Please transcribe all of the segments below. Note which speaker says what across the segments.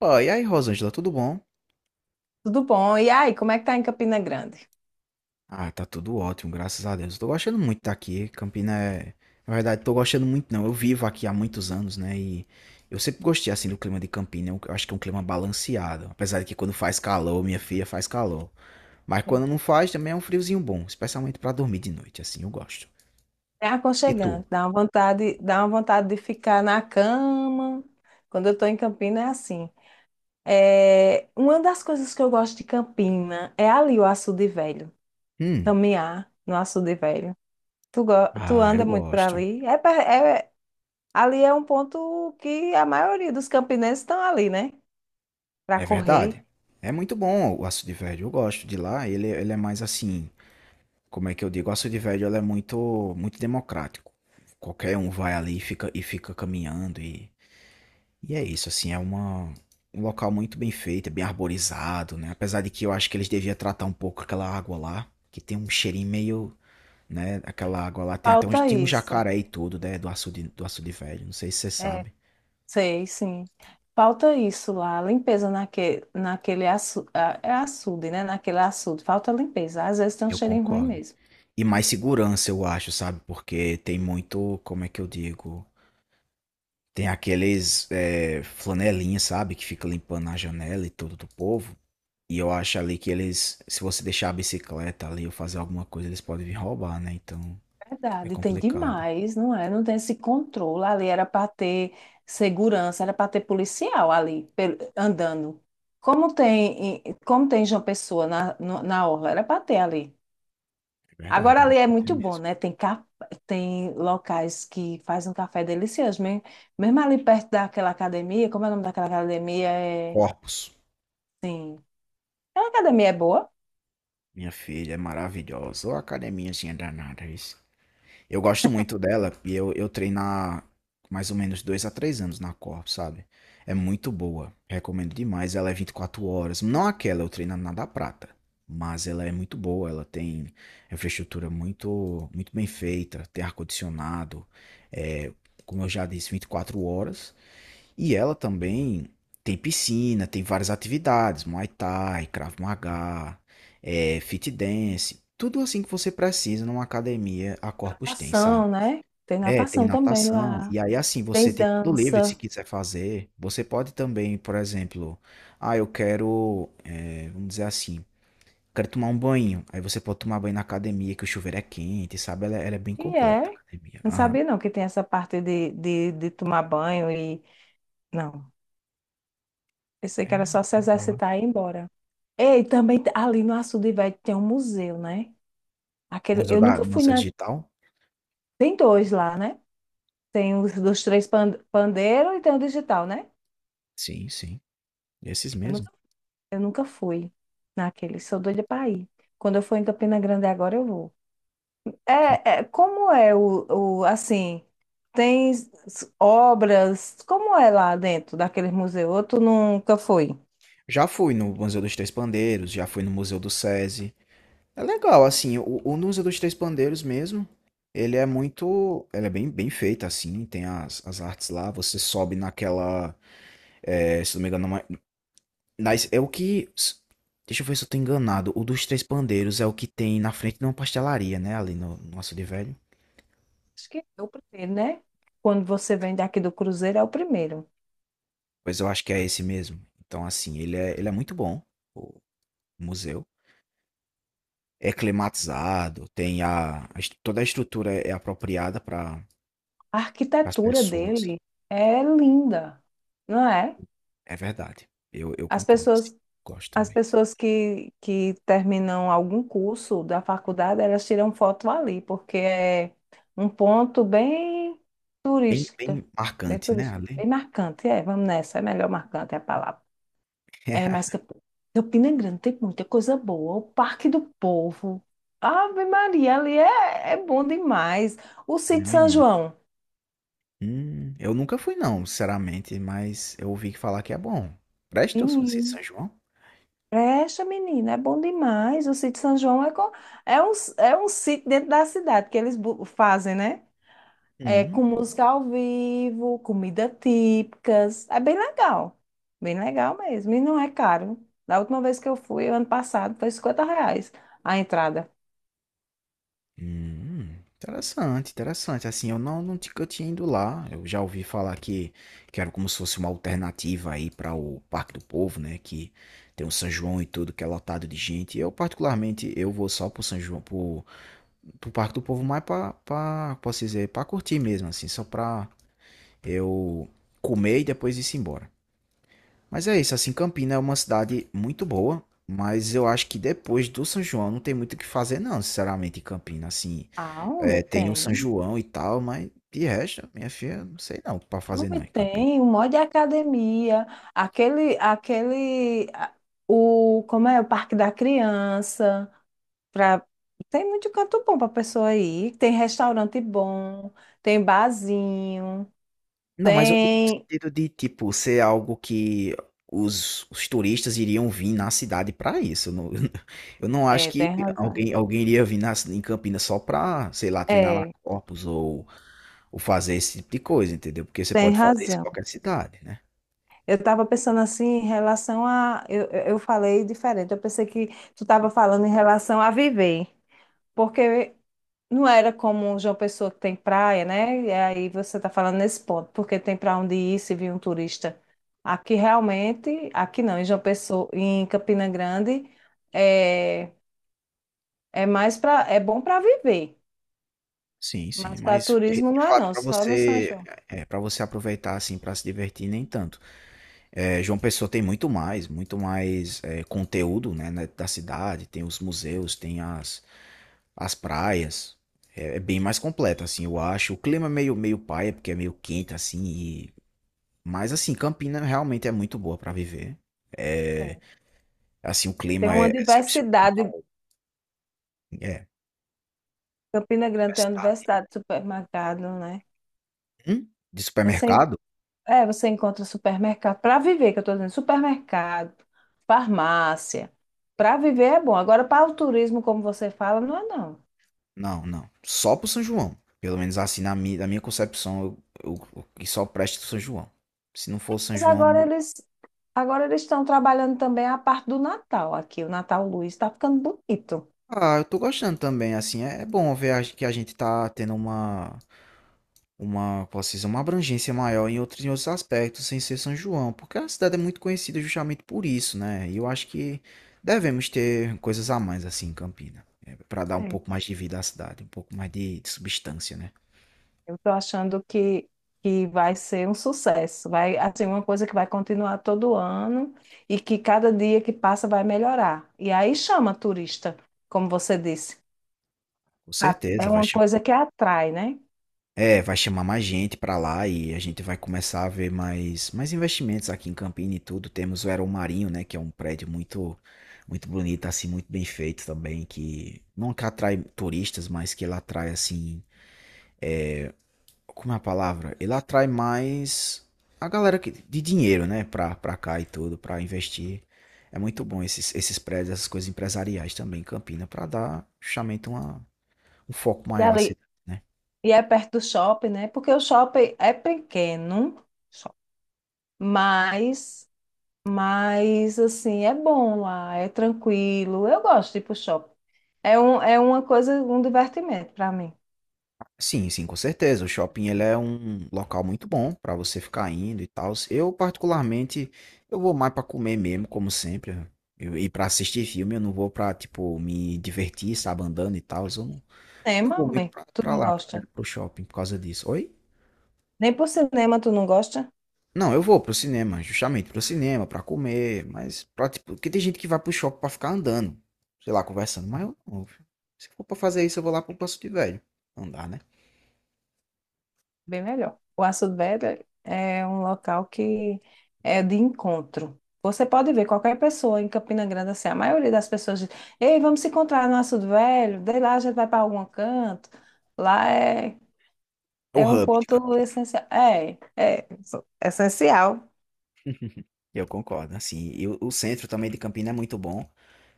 Speaker 1: Ó, e aí, Rosângela, tudo bom?
Speaker 2: Tudo bom? E aí, como é que tá em Campina Grande?
Speaker 1: Ah, tá tudo ótimo, graças a Deus. Tô gostando muito de estar aqui. Campina é. Na verdade, tô gostando muito, não. Eu vivo aqui há muitos anos, né? E eu sempre gostei, assim, do clima de Campina. Eu acho que é um clima balanceado. Apesar de que quando faz calor, minha filha, faz calor. Mas
Speaker 2: É.
Speaker 1: quando não faz, também é um friozinho bom. Especialmente pra dormir de noite, assim, eu gosto.
Speaker 2: É
Speaker 1: E tu?
Speaker 2: aconchegante, dá uma vontade de ficar na cama. Quando eu tô em Campina é assim. É, uma das coisas que eu gosto de Campina é ali o Açude Velho,
Speaker 1: Hum.
Speaker 2: caminhar no Açude Velho. Tu, go- Tu
Speaker 1: Ah, eu
Speaker 2: anda muito para
Speaker 1: gosto.
Speaker 2: ali? Ali é um ponto que a maioria dos campinenses estão ali, né? Para
Speaker 1: É verdade.
Speaker 2: correr.
Speaker 1: É muito bom o Açude Verde. Eu gosto de lá. Ele é mais assim. Como é que eu digo? A Cidade Velho, ela é muito, muito democrático. Qualquer um vai ali e fica caminhando e é isso, assim, é uma, um local muito bem feito, é bem arborizado, né? Apesar de que eu acho que eles deviam tratar um pouco aquela água lá, que tem um cheirinho meio, né? Aquela água lá tem até um,
Speaker 2: Falta
Speaker 1: tinha um
Speaker 2: isso.
Speaker 1: jacaré e tudo, né? Do açude velho, não sei se você sabe.
Speaker 2: Sei, sim. Falta isso lá, naquele açude, né? Naquele açude, falta limpeza. Às vezes tem um
Speaker 1: Eu
Speaker 2: cheirinho ruim
Speaker 1: concordo.
Speaker 2: mesmo.
Speaker 1: E mais segurança, eu acho, sabe? Porque tem muito, como é que eu digo? Tem aqueles flanelinha, sabe? Que fica limpando a janela e tudo do povo. E eu acho ali que eles, se você deixar a bicicleta ali ou fazer alguma coisa, eles podem vir roubar, né? Então é
Speaker 2: Verdade, tem
Speaker 1: complicado.
Speaker 2: demais, não é? Não tem esse controle. Ali era para ter segurança, era para ter policial ali andando. Como tem João Pessoa na, no- na orla, era para ter ali.
Speaker 1: É verdade,
Speaker 2: Agora
Speaker 1: era
Speaker 2: ali é
Speaker 1: pra ter
Speaker 2: muito bom,
Speaker 1: mesmo.
Speaker 2: né? Tem locais que fazem um café delicioso. Mesmo ali perto daquela academia, como é o nome daquela academia? É,
Speaker 1: Corpus,
Speaker 2: sim. Aquela academia é boa.
Speaker 1: minha filha, é maravilhosa. Ô academiazinha danada, isso. Eu gosto muito dela e eu treino há mais ou menos dois a três anos na Corp, sabe? É muito boa, recomendo demais. Ela é 24 horas, não aquela, eu treino na da Prata, mas ela é muito boa. Ela tem infraestrutura muito, muito bem feita, tem ar-condicionado, é, como eu já disse, 24 horas. E ela também tem piscina, tem várias atividades, Muay Thai, Krav Maga, fit dance, tudo assim que você precisa numa academia, a Corpus tem, sabe.
Speaker 2: Natação, né? Tem
Speaker 1: É, tem
Speaker 2: natação também
Speaker 1: natação,
Speaker 2: lá.
Speaker 1: e aí assim, você
Speaker 2: Tem
Speaker 1: tem tudo livre se
Speaker 2: dança.
Speaker 1: quiser fazer. Você pode também, por exemplo, ah, eu quero, vamos dizer assim, quero tomar um banho. Aí você pode tomar banho na academia, que o chuveiro é quente, sabe? Ela é bem
Speaker 2: E
Speaker 1: completa, a
Speaker 2: é.
Speaker 1: academia.
Speaker 2: Não
Speaker 1: Aham.
Speaker 2: sabia não que tem essa parte de tomar banho e... Não. Eu sei
Speaker 1: É,
Speaker 2: que era só se
Speaker 1: rapaz, é boa.
Speaker 2: exercitar e ir embora. Ei, também ali no Açude Velho tem um museu, né? Aquele,
Speaker 1: Museu
Speaker 2: eu
Speaker 1: da,
Speaker 2: nunca fui
Speaker 1: Museu
Speaker 2: na...
Speaker 1: Digital?
Speaker 2: Tem dois lá, né? Tem os dos três pandeiro e tem o digital, né?
Speaker 1: Sim, sim. Esses
Speaker 2: Eu
Speaker 1: mesmo.
Speaker 2: nunca, eu nunca fui naquele, sou doida para ir. Quando eu for em Campina Grande agora, eu vou. Como é assim, tem obras, como é lá dentro daquele museu? Ou tu nunca foi?
Speaker 1: Já fui no Museu dos Três Pandeiros, já fui no Museu do SESI. É legal, assim, o Nusa dos Três Pandeiros mesmo, ele é muito, ele é bem, bem feito, assim, tem as, as artes lá, você sobe naquela, é, se não me engano, é uma- nas, é o que, s- deixa eu ver se eu tô enganado, o dos Três Pandeiros é o que tem na frente de uma pastelaria, né, ali no Açude Velho,
Speaker 2: Acho que é o primeiro, né? Quando você vem daqui do Cruzeiro, é o primeiro.
Speaker 1: pois eu acho que é esse mesmo, então, assim, ele é muito bom, o museu, é climatizado, tem a est- toda a estrutura é apropriada para
Speaker 2: A
Speaker 1: as
Speaker 2: arquitetura
Speaker 1: pessoas.
Speaker 2: dele é linda, não é?
Speaker 1: É verdade. Eu
Speaker 2: As
Speaker 1: concordo, assim.
Speaker 2: pessoas.
Speaker 1: Gosto
Speaker 2: As
Speaker 1: também.
Speaker 2: pessoas que terminam algum curso da faculdade, elas tiram foto ali, porque é um ponto bem
Speaker 1: Bem,
Speaker 2: turística,
Speaker 1: bem
Speaker 2: bem
Speaker 1: marcante, né,
Speaker 2: turístico,
Speaker 1: ali.
Speaker 2: bem marcante. É, vamos nessa, é melhor marcante é a palavra. É mais que Campina é Grande tem muita coisa boa. O Parque do Povo. Ave Maria, ali é, é bom demais. O
Speaker 1: Mas,
Speaker 2: Sítio São
Speaker 1: menina,
Speaker 2: João.
Speaker 1: eu nunca fui não, sinceramente, mas eu ouvi falar que é bom. Presta os doces de São João?
Speaker 2: Presta, menina, é bom demais. O sítio São João é, co- É é um sítio dentro da cidade que eles fazem, né? É,
Speaker 1: Hum,
Speaker 2: com música ao vivo, comida típicas. É bem legal. Bem legal mesmo. E não é caro. Da última vez que eu fui, ano passado, foi 50 reais a entrada.
Speaker 1: interessante, interessante. Assim, eu não nunca tinha ido lá. Eu já ouvi falar que era como se fosse uma alternativa aí para o Parque do Povo, né, que tem o São João e tudo, que é lotado de gente. Eu particularmente, eu vou só pro São João para pro Parque do Povo mais pra, pra, posso dizer, pra curtir mesmo, assim, só pra eu comer e depois ir-se embora. Mas é isso, assim, Campina é uma cidade muito boa, mas eu acho que depois do São João não tem muito o que fazer, não, sinceramente, em Campina, assim,
Speaker 2: Ah, homem,
Speaker 1: é, tem o São
Speaker 2: tem.
Speaker 1: João e tal, mas de resto, minha filha, não sei não o que pra fazer não
Speaker 2: Homem,
Speaker 1: em Campina.
Speaker 2: tem. O monte de academia. Aquele, aquele, a- Como é? O Parque da Criança. Pra... Tem muito canto bom pra pessoa ir. Tem restaurante bom, tem barzinho,
Speaker 1: Não, mas eu digo no
Speaker 2: tem.
Speaker 1: sentido de, tipo, ser algo que os turistas iriam vir na cidade para isso. Eu não, eu não acho
Speaker 2: É,
Speaker 1: que
Speaker 2: tem razão.
Speaker 1: alguém iria vir na, em Campinas só para, sei lá, treinar na
Speaker 2: É,
Speaker 1: Corpus ou fazer esse tipo de coisa, entendeu? Porque você
Speaker 2: tem
Speaker 1: pode fazer isso em
Speaker 2: razão.
Speaker 1: qualquer cidade, né?
Speaker 2: Eu estava pensando assim em relação a. Eu falei diferente. Eu pensei que tu estava falando em relação a viver. Porque não era como João Pessoa que tem praia, né? E aí você está falando nesse ponto, porque tem para onde ir se vir um turista. Aqui realmente, aqui não, em João Pessoa, em Campina Grande. É, é mais para, é bom para viver,
Speaker 1: Sim, sim,
Speaker 2: mas para
Speaker 1: mas de
Speaker 2: turismo
Speaker 1: de
Speaker 2: não é
Speaker 1: fato
Speaker 2: não,
Speaker 1: para
Speaker 2: só no São
Speaker 1: você
Speaker 2: João.
Speaker 1: é, para você aproveitar assim para se divertir nem tanto. É, João Pessoa tem muito mais é, conteúdo, né, da cidade, tem os museus, tem as, as praias. É, é bem mais completo, assim, eu acho. O clima é meio, meio paia, porque é meio quente, assim. E... Mas, assim, Campina realmente é muito boa para viver. É,
Speaker 2: É.
Speaker 1: assim, o
Speaker 2: Tem
Speaker 1: clima
Speaker 2: uma
Speaker 1: é
Speaker 2: diversidade,
Speaker 1: excepcional. É,
Speaker 2: Campina Grande tem uma
Speaker 1: diversidade.
Speaker 2: diversidade de supermercado, né?
Speaker 1: Hum? De
Speaker 2: Você, en-
Speaker 1: supermercado?
Speaker 2: É, você encontra supermercado para viver, que eu estou dizendo, supermercado, farmácia. Para viver é bom. Agora para o turismo, como você fala, não é não.
Speaker 1: Não, não. Só pro São João. Pelo menos assim, na minha concepção, eu que só presta pro São João. Se não for o São
Speaker 2: Mas
Speaker 1: João.
Speaker 2: agora eles Agora eles estão trabalhando também a parte do Natal aqui. O Natal Luz está ficando bonito.
Speaker 1: Ah, eu tô gostando também, assim. É, é bom ver a- que a gente tá tendo uma. Uma, posso dizer, uma abrangência maior em outros aspectos, sem ser São João, porque a cidade é muito conhecida justamente por isso, né? E eu acho que devemos ter coisas a mais assim em Campina, para dar um pouco mais de vida à cidade, um pouco mais de substância, né?
Speaker 2: Eu estou achando que vai ser um sucesso. Vai, assim, uma coisa que vai continuar todo ano e que cada dia que passa vai melhorar. E aí chama turista, como você disse.
Speaker 1: Com
Speaker 2: É
Speaker 1: certeza, vai
Speaker 2: uma
Speaker 1: chamar,
Speaker 2: coisa que atrai, né?
Speaker 1: é, vai chamar mais gente para lá e a gente vai começar a ver mais, mais investimentos aqui em Campina e tudo. Temos o Aeromarinho, né, que é um prédio muito, muito bonito, assim, muito bem feito também, que não, que atrai turistas, mas que ele atrai assim, como é a palavra? Ele atrai mais a galera que, de dinheiro, né? Pra, pra cá e tudo, pra investir. É muito bom esses, esses prédios, essas coisas empresariais também em Campina, pra dar justamente uma, um foco
Speaker 2: E
Speaker 1: maior à
Speaker 2: ali,
Speaker 1: cidade, né?
Speaker 2: e é perto do shopping, né? Porque o shopping é pequeno, só- mas, mas assim, é bom lá, é tranquilo. Eu gosto de ir pro shopping. É uma coisa, um divertimento para mim.
Speaker 1: Sim, sim, com certeza. O shopping ele é um local muito bom pra você ficar indo e tal. Eu, particularmente, eu vou mais pra comer mesmo, como sempre. Eu, e pra assistir filme, eu não vou pra, tipo, me divertir, sabe, andando e tal. Eu não, não
Speaker 2: Cinema,
Speaker 1: vou muito
Speaker 2: homem,
Speaker 1: pra,
Speaker 2: tu
Speaker 1: pra
Speaker 2: não
Speaker 1: lá, pra,
Speaker 2: gosta?
Speaker 1: pro shopping, por causa disso. Oi?
Speaker 2: Nem por cinema tu não gosta?
Speaker 1: Não, eu vou pro cinema, justamente pro cinema, pra comer, mas pra, tipo, porque tem gente que vai pro shopping pra ficar andando, sei lá, conversando, mas eu não, filho. Se for pra fazer isso, eu vou lá pro Passo de Velho. Não dá, né?
Speaker 2: Bem melhor. O Aço Velho é um local que é de encontro. Você pode ver qualquer pessoa em Campina Grande, assim, a maioria das pessoas diz, ei, vamos se encontrar no Açude Velho, daí lá a gente vai para algum canto. Lá é,
Speaker 1: O
Speaker 2: é um
Speaker 1: hub de
Speaker 2: ponto
Speaker 1: Campinas,
Speaker 2: essencial. É, essencial.
Speaker 1: eu concordo, assim, e o centro também de Campinas é muito bom.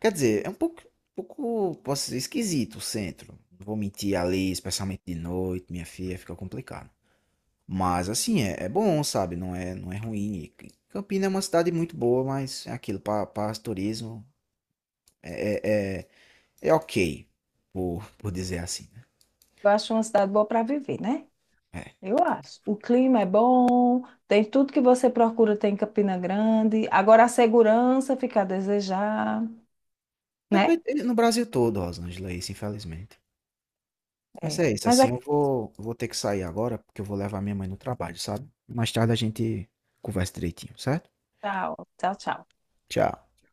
Speaker 1: Quer dizer, é um pouco, posso dizer, esquisito o centro. Não vou mentir ali, especialmente de noite, minha filha, fica complicado. Mas assim, é, é bom, sabe? Não é ruim. E Campinas é uma cidade muito boa, mas é aquilo, para turismo, é, é- é É ok, por dizer assim, né.
Speaker 2: Eu acho uma cidade boa para viver, né?
Speaker 1: É.
Speaker 2: Eu acho. O clima é bom, tem tudo que você procura, tem em Campina Grande. Agora a segurança fica a desejar,
Speaker 1: É, vai
Speaker 2: né?
Speaker 1: ter no Brasil todo, Rosângela, é isso, infelizmente. Mas
Speaker 2: É.
Speaker 1: é isso,
Speaker 2: Mas
Speaker 1: assim, eu
Speaker 2: aqui,
Speaker 1: vou eu vou ter que sair agora, porque eu vou levar minha mãe no trabalho, sabe. Mais tarde a gente conversa direitinho, certo?
Speaker 2: tchau, tchau, tchau.
Speaker 1: Tchau.